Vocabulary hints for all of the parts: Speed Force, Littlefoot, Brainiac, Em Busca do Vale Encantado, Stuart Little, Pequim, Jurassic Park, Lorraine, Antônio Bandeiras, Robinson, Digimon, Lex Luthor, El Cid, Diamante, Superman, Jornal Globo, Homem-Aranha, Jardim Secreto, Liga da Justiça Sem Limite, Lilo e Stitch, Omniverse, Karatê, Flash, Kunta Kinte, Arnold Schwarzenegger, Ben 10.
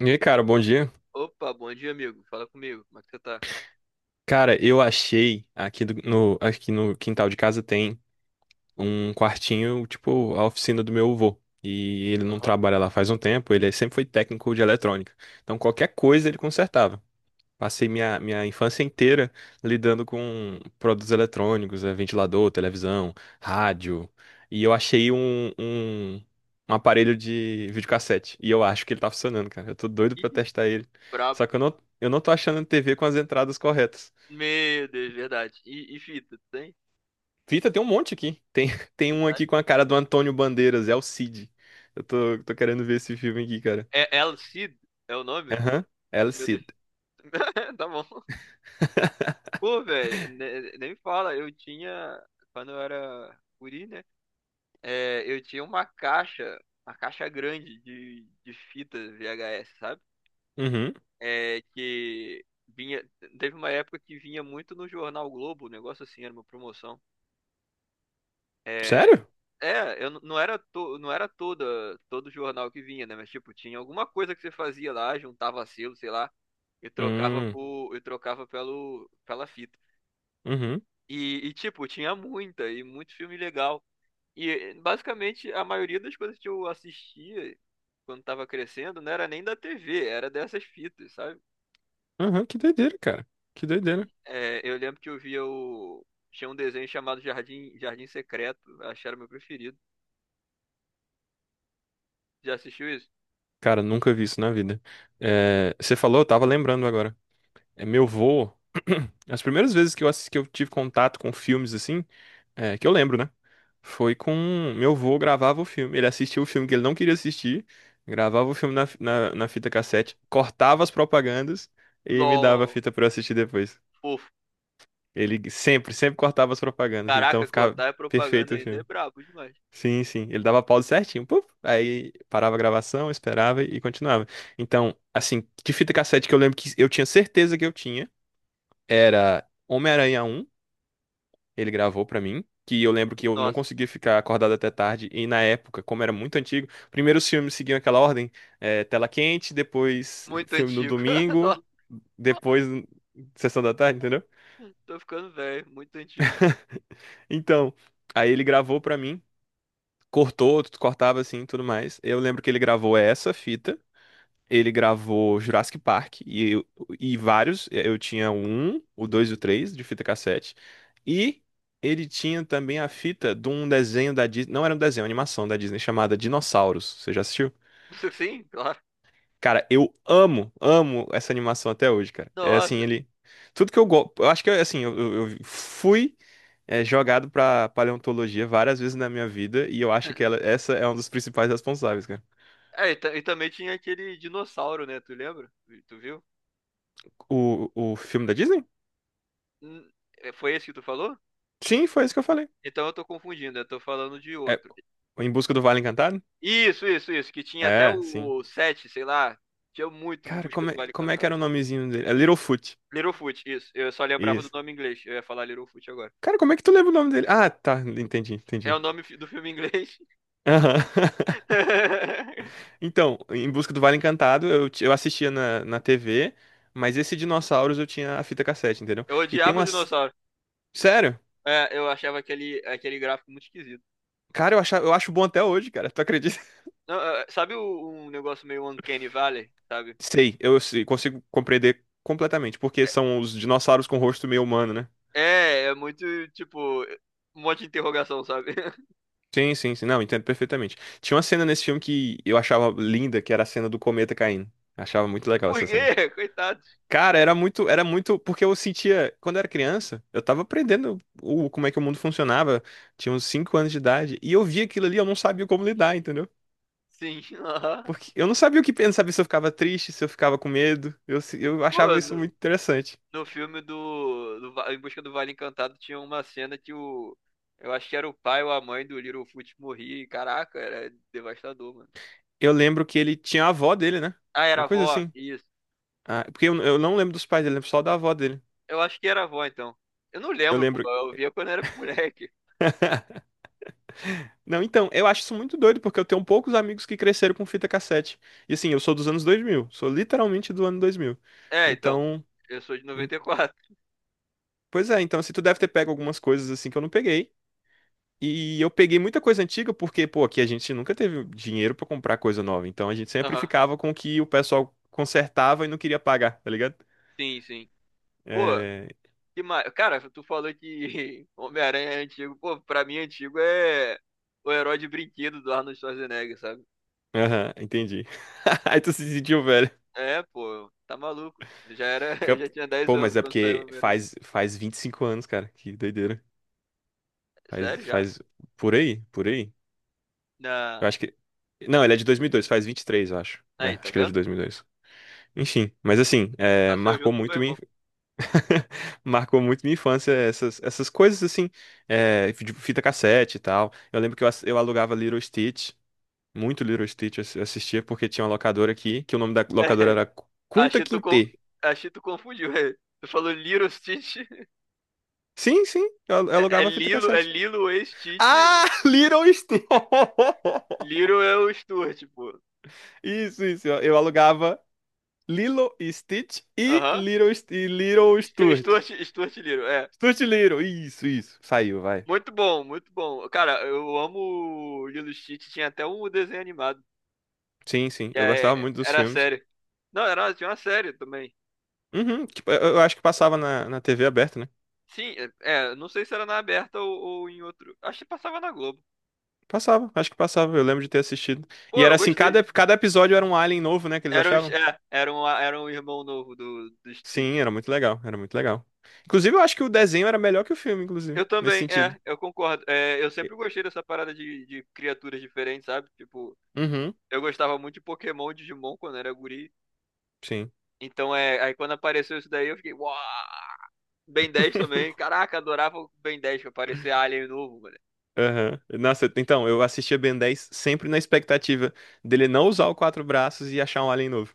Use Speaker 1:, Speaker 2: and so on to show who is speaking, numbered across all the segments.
Speaker 1: E aí, cara, bom dia.
Speaker 2: Opa, bom dia, amigo. Fala comigo. Como é que você tá?
Speaker 1: Cara, eu achei aqui no quintal de casa tem um quartinho, tipo, a oficina do meu avô. E ele não
Speaker 2: Aham.
Speaker 1: trabalha lá faz um tempo, ele sempre foi técnico de eletrônica. Então qualquer coisa ele consertava. Passei minha infância inteira lidando com produtos eletrônicos, ventilador, televisão, rádio. E eu achei um aparelho de videocassete. E eu acho que ele tá funcionando, cara. Eu tô doido
Speaker 2: Ih,
Speaker 1: pra testar ele.
Speaker 2: brabo.
Speaker 1: Só que eu não tô achando TV com as entradas corretas.
Speaker 2: Meu Deus, verdade. E fita, tu tem?
Speaker 1: Fita, tem um monte aqui. Tem, tem um
Speaker 2: Itália.
Speaker 1: aqui com a cara do Antônio Bandeiras, é o Cid. Tô querendo ver esse filme aqui, cara.
Speaker 2: É El Cid? É o nome?
Speaker 1: Aham, El
Speaker 2: Meu Deus.
Speaker 1: Cid.
Speaker 2: Tá bom. Pô, velho, nem fala. Eu tinha, quando eu era guri, né? É, eu tinha uma caixa grande de fita VHS, sabe?
Speaker 1: Uhum.
Speaker 2: É, que vinha. Teve uma época que vinha muito no Jornal Globo, um negócio assim, era uma promoção. É,
Speaker 1: Sério?
Speaker 2: é, eu não era não era toda todo jornal que vinha, né? Mas tipo, tinha alguma coisa que você fazia lá, juntava selo, sei lá, e trocava
Speaker 1: Hum,
Speaker 2: por, e trocava pelo pela fita.
Speaker 1: uhum,
Speaker 2: E, tipo, tinha muita e muito filme legal. E basicamente a maioria das coisas que eu assistia quando tava crescendo não era nem da TV, era dessas fitas, sabe?
Speaker 1: uhum, que doideira, cara. Que doideira.
Speaker 2: Sim. É, eu lembro que eu via o tinha um desenho chamado Jardim Secreto, acho que era o meu preferido. Já assistiu isso?
Speaker 1: Cara, nunca vi isso na vida. É, você falou, eu tava lembrando agora. É, meu vô, as primeiras vezes que que eu tive contato com filmes assim, que eu lembro, né? Foi com meu vô gravava o filme. Ele assistia o filme que ele não queria assistir, gravava o filme na fita cassete, cortava as propagandas e me dava a
Speaker 2: LOL.
Speaker 1: fita pra eu assistir depois.
Speaker 2: Pô,
Speaker 1: Ele sempre cortava as propagandas, então
Speaker 2: caraca,
Speaker 1: ficava
Speaker 2: cortar é propaganda
Speaker 1: perfeito o
Speaker 2: ainda é
Speaker 1: filme.
Speaker 2: brabo demais.
Speaker 1: Sim, sim. Ele dava pause certinho. Puf, aí parava a gravação, esperava e continuava. Então, assim, de fita cassete que eu lembro que eu tinha certeza que eu tinha, era Homem-Aranha um. Ele gravou pra mim, que eu lembro que eu não
Speaker 2: Nossa,
Speaker 1: conseguia ficar acordado até tarde, e na época, como era muito antigo, primeiro os filmes seguiam aquela ordem, tela quente, depois
Speaker 2: muito
Speaker 1: filme no
Speaker 2: antigo.
Speaker 1: domingo, depois sessão da tarde, entendeu?
Speaker 2: Nossa, tô ficando velho, muito antigo.
Speaker 1: Então, aí ele gravou pra mim, cortava assim, tudo mais. Eu lembro que ele gravou essa fita. Ele gravou Jurassic Park e vários. Eu tinha o um, o dois e o três de fita cassete. E ele tinha também a fita de um desenho da Disney. Não era um desenho, uma animação da Disney chamada Dinossauros. Você já assistiu?
Speaker 2: Isso. Sim, claro.
Speaker 1: Cara, eu amo, amo essa animação até hoje, cara. É assim,
Speaker 2: Nossa.
Speaker 1: ele. Tudo que eu gosto. Eu acho que, assim, eu fui, jogado pra paleontologia várias vezes na minha vida. E eu acho que essa é um dos principais responsáveis, cara.
Speaker 2: É, e, também tinha aquele dinossauro, né? Tu lembra? Tu viu?
Speaker 1: O filme da Disney?
Speaker 2: Hum, É, foi esse que tu falou?
Speaker 1: Sim, foi isso que eu falei.
Speaker 2: Então eu tô confundindo, eu tô falando de
Speaker 1: É,
Speaker 2: outro.
Speaker 1: Em Busca do Vale Encantado?
Speaker 2: Isso, que tinha até
Speaker 1: É, sim.
Speaker 2: o 7, sei lá. Tinha muito em
Speaker 1: Cara,
Speaker 2: busca do Vale
Speaker 1: como é que
Speaker 2: Cantado.
Speaker 1: era o nomezinho dele? É Littlefoot.
Speaker 2: Littlefoot, isso. Eu só lembrava do
Speaker 1: Isso.
Speaker 2: nome em inglês. Eu ia falar Littlefoot agora.
Speaker 1: Cara, como é que tu lembra o nome dele? Ah, tá. Entendi,
Speaker 2: É o
Speaker 1: entendi.
Speaker 2: nome do filme em inglês.
Speaker 1: Aham. Então, Em Busca do Vale Encantado, eu assistia na TV, mas esse Dinossauros eu tinha a fita cassete, entendeu?
Speaker 2: Eu
Speaker 1: E tem
Speaker 2: odiava o
Speaker 1: umas.
Speaker 2: dinossauro.
Speaker 1: Sério?
Speaker 2: É, eu achava aquele gráfico muito esquisito.
Speaker 1: Cara, eu acho bom até hoje, cara. Tu acredita?
Speaker 2: Não, é, sabe um negócio meio Uncanny Valley, sabe?
Speaker 1: Sei, consigo compreender completamente, porque são os dinossauros com rosto meio humano, né?
Speaker 2: É muito, tipo, um monte de interrogação, sabe?
Speaker 1: Sim, sim, sim. Não, entendo perfeitamente. Tinha uma cena nesse filme que eu achava linda, que era a cena do cometa caindo. Achava muito legal
Speaker 2: Por
Speaker 1: essa cena.
Speaker 2: quê? Coitados.
Speaker 1: Cara, era muito, porque eu sentia, quando eu era criança, eu tava aprendendo como é que o mundo funcionava, tinha uns 5 anos de idade, e eu via aquilo ali, eu não sabia como lidar, entendeu?
Speaker 2: Sim. Aham.
Speaker 1: Porque eu não sabia o que pensar, não sabia se eu ficava triste, se eu ficava com medo. Eu, se- eu achava
Speaker 2: Pô,
Speaker 1: isso
Speaker 2: no,
Speaker 1: muito interessante.
Speaker 2: no filme do Em Busca do Vale Encantado tinha uma cena que o. Eu acho que era o pai ou a mãe do Littlefoot morria. E, caraca, era devastador, mano.
Speaker 1: Eu lembro que ele tinha a avó dele, né?
Speaker 2: Ah, era a
Speaker 1: Uma
Speaker 2: avó?
Speaker 1: coisa assim.
Speaker 2: Isso.
Speaker 1: Ah, porque eu não lembro dos pais dele, lembro só da avó dele.
Speaker 2: Eu acho que era a avó, então. Eu não
Speaker 1: Eu
Speaker 2: lembro, pô.
Speaker 1: lembro.
Speaker 2: Eu via quando era moleque.
Speaker 1: Não, então, eu acho isso muito doido, porque eu tenho poucos amigos que cresceram com fita cassete. E assim, eu sou dos anos 2000, sou literalmente do ano 2000.
Speaker 2: É, então,
Speaker 1: Então,
Speaker 2: eu sou de
Speaker 1: hum,
Speaker 2: 94.
Speaker 1: pois é, então assim, tu deve ter pego algumas coisas assim que eu não peguei. E eu peguei muita coisa antiga porque, pô, aqui a gente nunca teve dinheiro pra comprar coisa nova. Então a gente sempre
Speaker 2: Aham.
Speaker 1: ficava com o que o pessoal consertava e não queria pagar, tá ligado?
Speaker 2: Sim, sim. Pô,
Speaker 1: É...
Speaker 2: que mais? Cara, tu falou que Homem-Aranha é antigo. Pô, pra mim, antigo é o herói de brinquedo do Arnold Schwarzenegger, sabe?
Speaker 1: Aham, entendi. Aí tu se sentiu velho.
Speaker 2: É, pô, tá maluco.
Speaker 1: Que
Speaker 2: Eu
Speaker 1: eu-
Speaker 2: já tinha 10
Speaker 1: Pô,
Speaker 2: anos
Speaker 1: mas é
Speaker 2: quando saiu o
Speaker 1: porque
Speaker 2: Homem-Aranha.
Speaker 1: faz 25 anos, cara, que doideira. Faz,
Speaker 2: Sério, já?
Speaker 1: faz por aí, por aí. Eu
Speaker 2: Na...
Speaker 1: acho que. Não, ele é de dois mil e dois, faz 23, eu acho. É,
Speaker 2: Aí, tá
Speaker 1: acho que ele é de
Speaker 2: vendo?
Speaker 1: dois mil e dois. Enfim, mas assim, é,
Speaker 2: Nasceu
Speaker 1: marcou
Speaker 2: junto com meu
Speaker 1: muito minha,
Speaker 2: irmão.
Speaker 1: marcou muito minha infância essas, essas coisas assim, é, de fita cassete e tal. Eu lembro que eu alugava Little Stitch, muito Little Stitch eu assistia porque tinha uma locadora aqui, que o nome da locadora
Speaker 2: É,
Speaker 1: era Kunta
Speaker 2: achei tu, con...
Speaker 1: Kinte.
Speaker 2: achei tu confundiu. É. Tu falou Little Stitch.
Speaker 1: Sim, sim, eu
Speaker 2: É, é
Speaker 1: alugava fita
Speaker 2: Lilo, é
Speaker 1: cassete.
Speaker 2: Lilo e Stitch.
Speaker 1: Ah, Little Stitch!
Speaker 2: Little é o Stuart, pô.
Speaker 1: Isso, isso. Eu alugava Lilo e Stitch e
Speaker 2: Aham.
Speaker 1: Little
Speaker 2: Stu- Stuart,
Speaker 1: Sturt.
Speaker 2: Stuart Little, é.
Speaker 1: Sturt e Little, isso, isso. Saiu, vai.
Speaker 2: Muito bom, muito bom. Cara, eu amo o Lilo e Stitch. Tinha até um desenho animado.
Speaker 1: Sim, sim. Eu gostava muito dos
Speaker 2: Era
Speaker 1: filmes.
Speaker 2: série. Não, tinha uma série também.
Speaker 1: Uhum, tipo, eu acho que passava na TV aberta, né?
Speaker 2: Sim, é, não sei se era na aberta ou em outro. Acho que passava na Globo.
Speaker 1: Passava, acho que passava. Eu lembro de ter assistido.
Speaker 2: Pô,
Speaker 1: E
Speaker 2: eu
Speaker 1: era assim,
Speaker 2: Gostei.
Speaker 1: cada episódio era um alien novo, né? Que eles
Speaker 2: Era um,
Speaker 1: achavam.
Speaker 2: é, era um irmão novo do Stitch.
Speaker 1: Sim, era muito legal, era muito legal. Inclusive, eu acho que o desenho era melhor que o filme, inclusive,
Speaker 2: Eu
Speaker 1: nesse
Speaker 2: também,
Speaker 1: sentido.
Speaker 2: é, eu concordo. É, eu
Speaker 1: E-
Speaker 2: sempre gostei dessa parada de criaturas diferentes, sabe? Tipo,
Speaker 1: Uhum,
Speaker 2: eu gostava muito de Pokémon e Digimon quando era guri.
Speaker 1: sim.
Speaker 2: Então, é, aí quando apareceu isso daí, eu fiquei, uau! Ben 10 também. Caraca, adorava o Ben 10 pra parecer Alien novo, mano.
Speaker 1: Aham. Nossa, então, eu assistia Ben 10 sempre na expectativa dele não usar o quatro braços e achar um alien novo.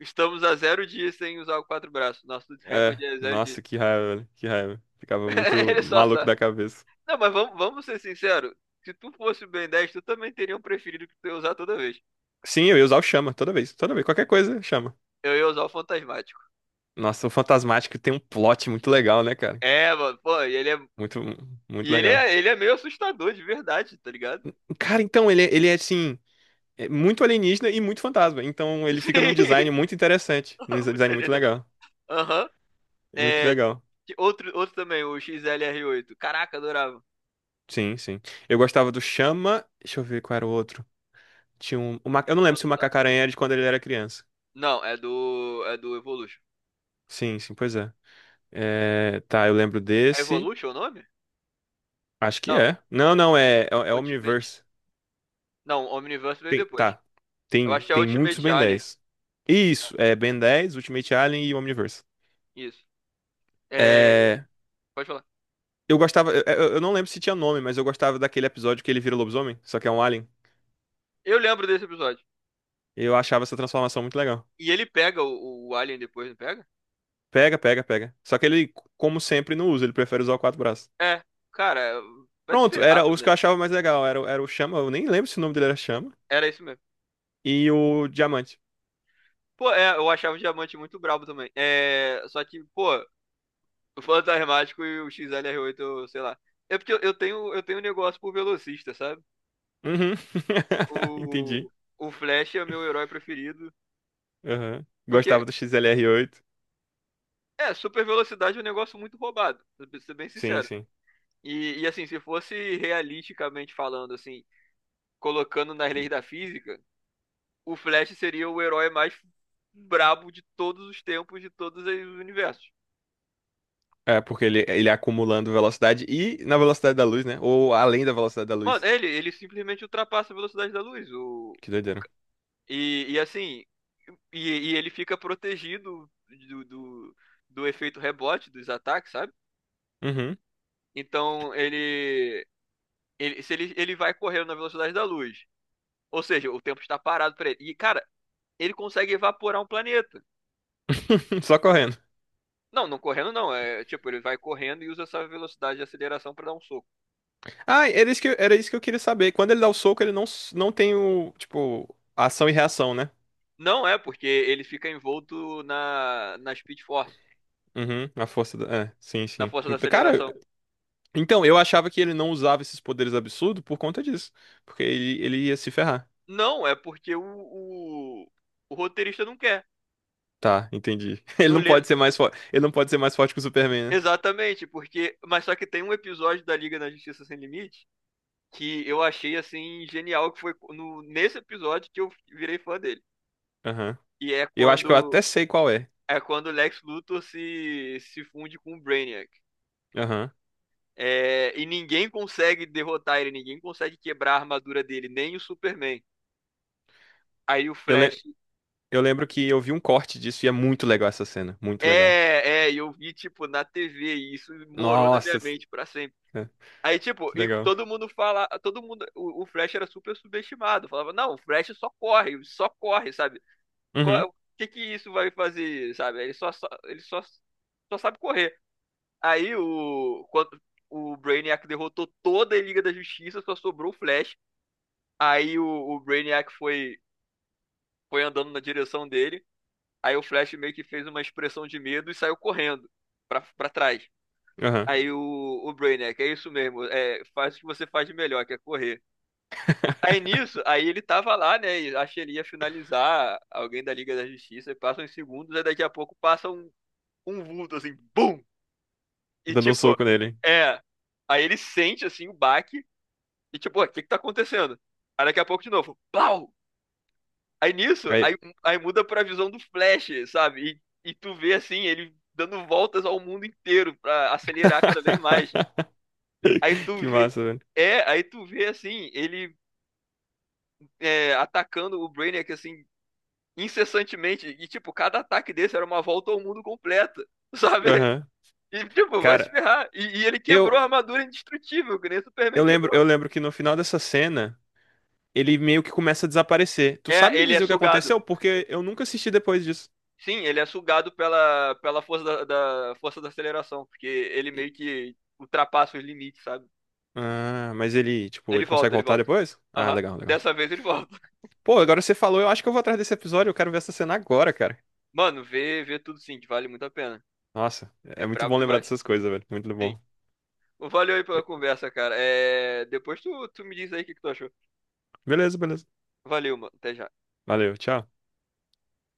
Speaker 2: Estamos a 0 dias sem usar o quatro braços. Nosso
Speaker 1: É,
Speaker 2: recorde é 0 dias.
Speaker 1: nossa, que raiva, velho, que raiva. Ficava muito
Speaker 2: Ele só
Speaker 1: maluco da
Speaker 2: sabe.
Speaker 1: cabeça.
Speaker 2: Não, mas vamos ser sinceros. Se tu fosse o Ben 10, tu também teria um preferido que tu ia usar toda vez.
Speaker 1: Sim, eu ia usar o chama toda vez, qualquer coisa, chama.
Speaker 2: Eu ia usar o Fantasmático.
Speaker 1: Nossa, o Fantasmático tem um plot muito legal, né, cara?
Speaker 2: É, mano, pô, e ele é.
Speaker 1: Muito, muito
Speaker 2: E ele
Speaker 1: legal.
Speaker 2: é, ele é meio assustador de verdade, tá ligado?
Speaker 1: Cara, então, ele é assim, é muito alienígena e muito fantasma. Então, ele fica num
Speaker 2: Sim.
Speaker 1: design muito interessante, num
Speaker 2: Tá
Speaker 1: design muito
Speaker 2: ligado?
Speaker 1: legal.
Speaker 2: Aham.
Speaker 1: É muito
Speaker 2: É,
Speaker 1: legal.
Speaker 2: outro também, o XLR8. Caraca, adorava.
Speaker 1: Sim, sim. Eu gostava do chama. Deixa eu ver qual era o outro. Tinha um. Eu não
Speaker 2: Chama
Speaker 1: lembro se
Speaker 2: no
Speaker 1: o
Speaker 2: zap.
Speaker 1: Macaco-Aranha era de quando ele era criança.
Speaker 2: Não, É do Evolution.
Speaker 1: Sim, sim, pois é. É, tá, eu lembro
Speaker 2: É
Speaker 1: desse.
Speaker 2: Evolution o nome?
Speaker 1: Acho que
Speaker 2: Não,
Speaker 1: é. Não, não, é, é, é
Speaker 2: Ultimate.
Speaker 1: Omniverse.
Speaker 2: Não, Omniverse veio
Speaker 1: Tem,
Speaker 2: depois.
Speaker 1: tá.
Speaker 2: Eu
Speaker 1: Tem,
Speaker 2: acho que é
Speaker 1: tem muitos
Speaker 2: Ultimate. Uhum.
Speaker 1: Ben
Speaker 2: Alien.
Speaker 1: 10. Isso, é Ben 10, Ultimate Alien e Omniverse.
Speaker 2: Isso. É,
Speaker 1: É,
Speaker 2: pode falar.
Speaker 1: eu gostava, eu não lembro se tinha nome, mas eu gostava daquele episódio que ele vira lobisomem, só que é um alien.
Speaker 2: Eu lembro desse episódio.
Speaker 1: Eu achava essa transformação muito legal.
Speaker 2: E ele pega o Alien depois, não pega?
Speaker 1: Pega, pega, pega. Só que ele, como sempre, não usa, ele prefere usar o quatro braços.
Speaker 2: É. Cara, vai se
Speaker 1: Pronto,
Speaker 2: ferrar,
Speaker 1: era os que eu
Speaker 2: Brunas.
Speaker 1: achava mais legal. Era, era o Chama, eu nem lembro se o nome dele era Chama,
Speaker 2: Era isso mesmo.
Speaker 1: e o Diamante.
Speaker 2: Pô, é, eu achava o Diamante muito brabo também. É, só que, pô, o Fantasmático e o XLR8, sei lá. É porque eu tenho um negócio por velocista, sabe?
Speaker 1: Uhum.
Speaker 2: O,
Speaker 1: Entendi.
Speaker 2: o Flash é meu herói preferido.
Speaker 1: Uhum. Gostava
Speaker 2: Porque
Speaker 1: do XLR8.
Speaker 2: É, super velocidade é um negócio muito roubado, pra ser bem
Speaker 1: Sim,
Speaker 2: sincero.
Speaker 1: sim.
Speaker 2: E, assim, se fosse realisticamente falando, assim, colocando nas leis da física, o Flash seria o herói mais brabo de todos os tempos, de todos os universos.
Speaker 1: É, porque ele é acumulando velocidade e na velocidade da luz, né? Ou além da velocidade da
Speaker 2: Mano,
Speaker 1: luz.
Speaker 2: ele simplesmente ultrapassa a velocidade da luz.
Speaker 1: Que
Speaker 2: O
Speaker 1: doideira.
Speaker 2: ca- e, assim, e ele fica protegido do, do, do efeito rebote, dos ataques, sabe?
Speaker 1: Uhum.
Speaker 2: Então, ele, se ele vai correndo na velocidade da luz. Ou seja, o tempo está parado para ele. E, cara, ele consegue evaporar um planeta.
Speaker 1: Só correndo.
Speaker 2: Não, não correndo não. É tipo, ele vai correndo e usa essa velocidade de aceleração para dar um soco.
Speaker 1: Ah, era isso que eu queria saber. Quando ele dá o soco, ele não, s- não tem o, tipo, ação e reação, né?
Speaker 2: Não é, porque ele fica envolto na Speed Force,
Speaker 1: Uhum, a força da... É, sim,
Speaker 2: na
Speaker 1: sim.
Speaker 2: força da
Speaker 1: Então, cara,
Speaker 2: aceleração. Cara,
Speaker 1: então, eu achava que ele não usava esses poderes absurdos por conta disso. Porque ele ia se ferrar.
Speaker 2: não, é porque o roteirista não quer.
Speaker 1: Tá, entendi. Ele
Speaker 2: Não,
Speaker 1: não
Speaker 2: Não
Speaker 1: pode ser
Speaker 2: pode.
Speaker 1: mais forte. Ele não pode ser mais forte que o Superman, né?
Speaker 2: Exatamente, porque. Mas só que tem um episódio da Liga da Justiça Sem Limite que eu achei assim genial, que foi no... nesse episódio que eu virei fã dele.
Speaker 1: Aham.
Speaker 2: E é
Speaker 1: Eu acho que eu até
Speaker 2: quando
Speaker 1: sei qual é.
Speaker 2: É quando o Lex Luthor se funde com o Brainiac.
Speaker 1: Aham.
Speaker 2: É, e ninguém consegue derrotar ele, ninguém consegue quebrar a armadura dele, nem o Superman. Aí o
Speaker 1: Eu, le-
Speaker 2: Flash.
Speaker 1: Eu lembro que eu vi um corte disso e é muito legal essa cena. Muito legal.
Speaker 2: É, e eu vi, tipo, na TV, e isso morou na minha
Speaker 1: Nossa,
Speaker 2: mente pra sempre.
Speaker 1: é,
Speaker 2: Aí, tipo,
Speaker 1: que
Speaker 2: e
Speaker 1: legal.
Speaker 2: todo mundo, o Flash era super subestimado. Falava, não, o Flash só corre, sabe?
Speaker 1: Uhum,
Speaker 2: O que que isso vai fazer, sabe? Ele só sabe correr. Aí o Brainiac derrotou toda a Liga da Justiça, só sobrou o Flash. Aí o Brainiac foi andando na direção dele. Aí o Flash meio que fez uma expressão de medo e saiu correndo pra trás.
Speaker 1: aham.
Speaker 2: Aí o Brainiac, é isso mesmo, é, faz o que você faz de melhor, que é correr. Aí nisso, aí ele tava lá, né? E acho que ele ia finalizar alguém da Liga da Justiça, e passa uns segundos, aí daqui a pouco passa um vulto assim, BUM! E
Speaker 1: Dando um
Speaker 2: tipo,
Speaker 1: soco nele.
Speaker 2: é. Aí ele sente assim o baque. E tipo, o que que tá acontecendo? Aí daqui a pouco de novo, pau! Aí nisso,
Speaker 1: Aí-
Speaker 2: aí muda pra visão do Flash, sabe? E tu vê assim, ele dando voltas ao mundo inteiro pra acelerar cada vez mais. Aí tu
Speaker 1: Que
Speaker 2: vê,
Speaker 1: massa, velho.
Speaker 2: aí tu vê assim, ele atacando o Brainiac assim, incessantemente. E tipo, cada ataque desse era uma volta ao mundo completa, sabe?
Speaker 1: Aham.
Speaker 2: E tipo, vai se
Speaker 1: Cara,
Speaker 2: ferrar. E ele quebrou
Speaker 1: eu,
Speaker 2: a armadura indestrutível, que nem o Superman quebrou.
Speaker 1: eu lembro que no final dessa cena, ele meio que começa a desaparecer. Tu sabe
Speaker 2: É,
Speaker 1: me
Speaker 2: ele é
Speaker 1: dizer o que
Speaker 2: sugado.
Speaker 1: aconteceu? Porque eu nunca assisti depois disso.
Speaker 2: Sim, ele é sugado pela força da força da aceleração, porque ele
Speaker 1: E-
Speaker 2: meio que ultrapassa os limites, sabe?
Speaker 1: Ah, mas ele, tipo,
Speaker 2: Ele
Speaker 1: ele consegue
Speaker 2: volta, ele
Speaker 1: voltar
Speaker 2: volta.
Speaker 1: depois? Ah,
Speaker 2: Aham.
Speaker 1: legal, legal.
Speaker 2: Dessa vez ele volta.
Speaker 1: Pô, agora você falou, eu acho que eu vou atrás desse episódio, eu quero ver essa cena agora, cara.
Speaker 2: Mano, vê tudo sim, que vale muito a pena.
Speaker 1: Nossa, é
Speaker 2: É
Speaker 1: muito
Speaker 2: brabo
Speaker 1: bom lembrar
Speaker 2: demais.
Speaker 1: dessas coisas, velho. Muito
Speaker 2: Sim.
Speaker 1: bom.
Speaker 2: Valeu aí pela conversa, cara. Depois tu me diz aí o que que tu achou.
Speaker 1: Beleza, beleza.
Speaker 2: Valeu, mano. Até já.
Speaker 1: Valeu, tchau.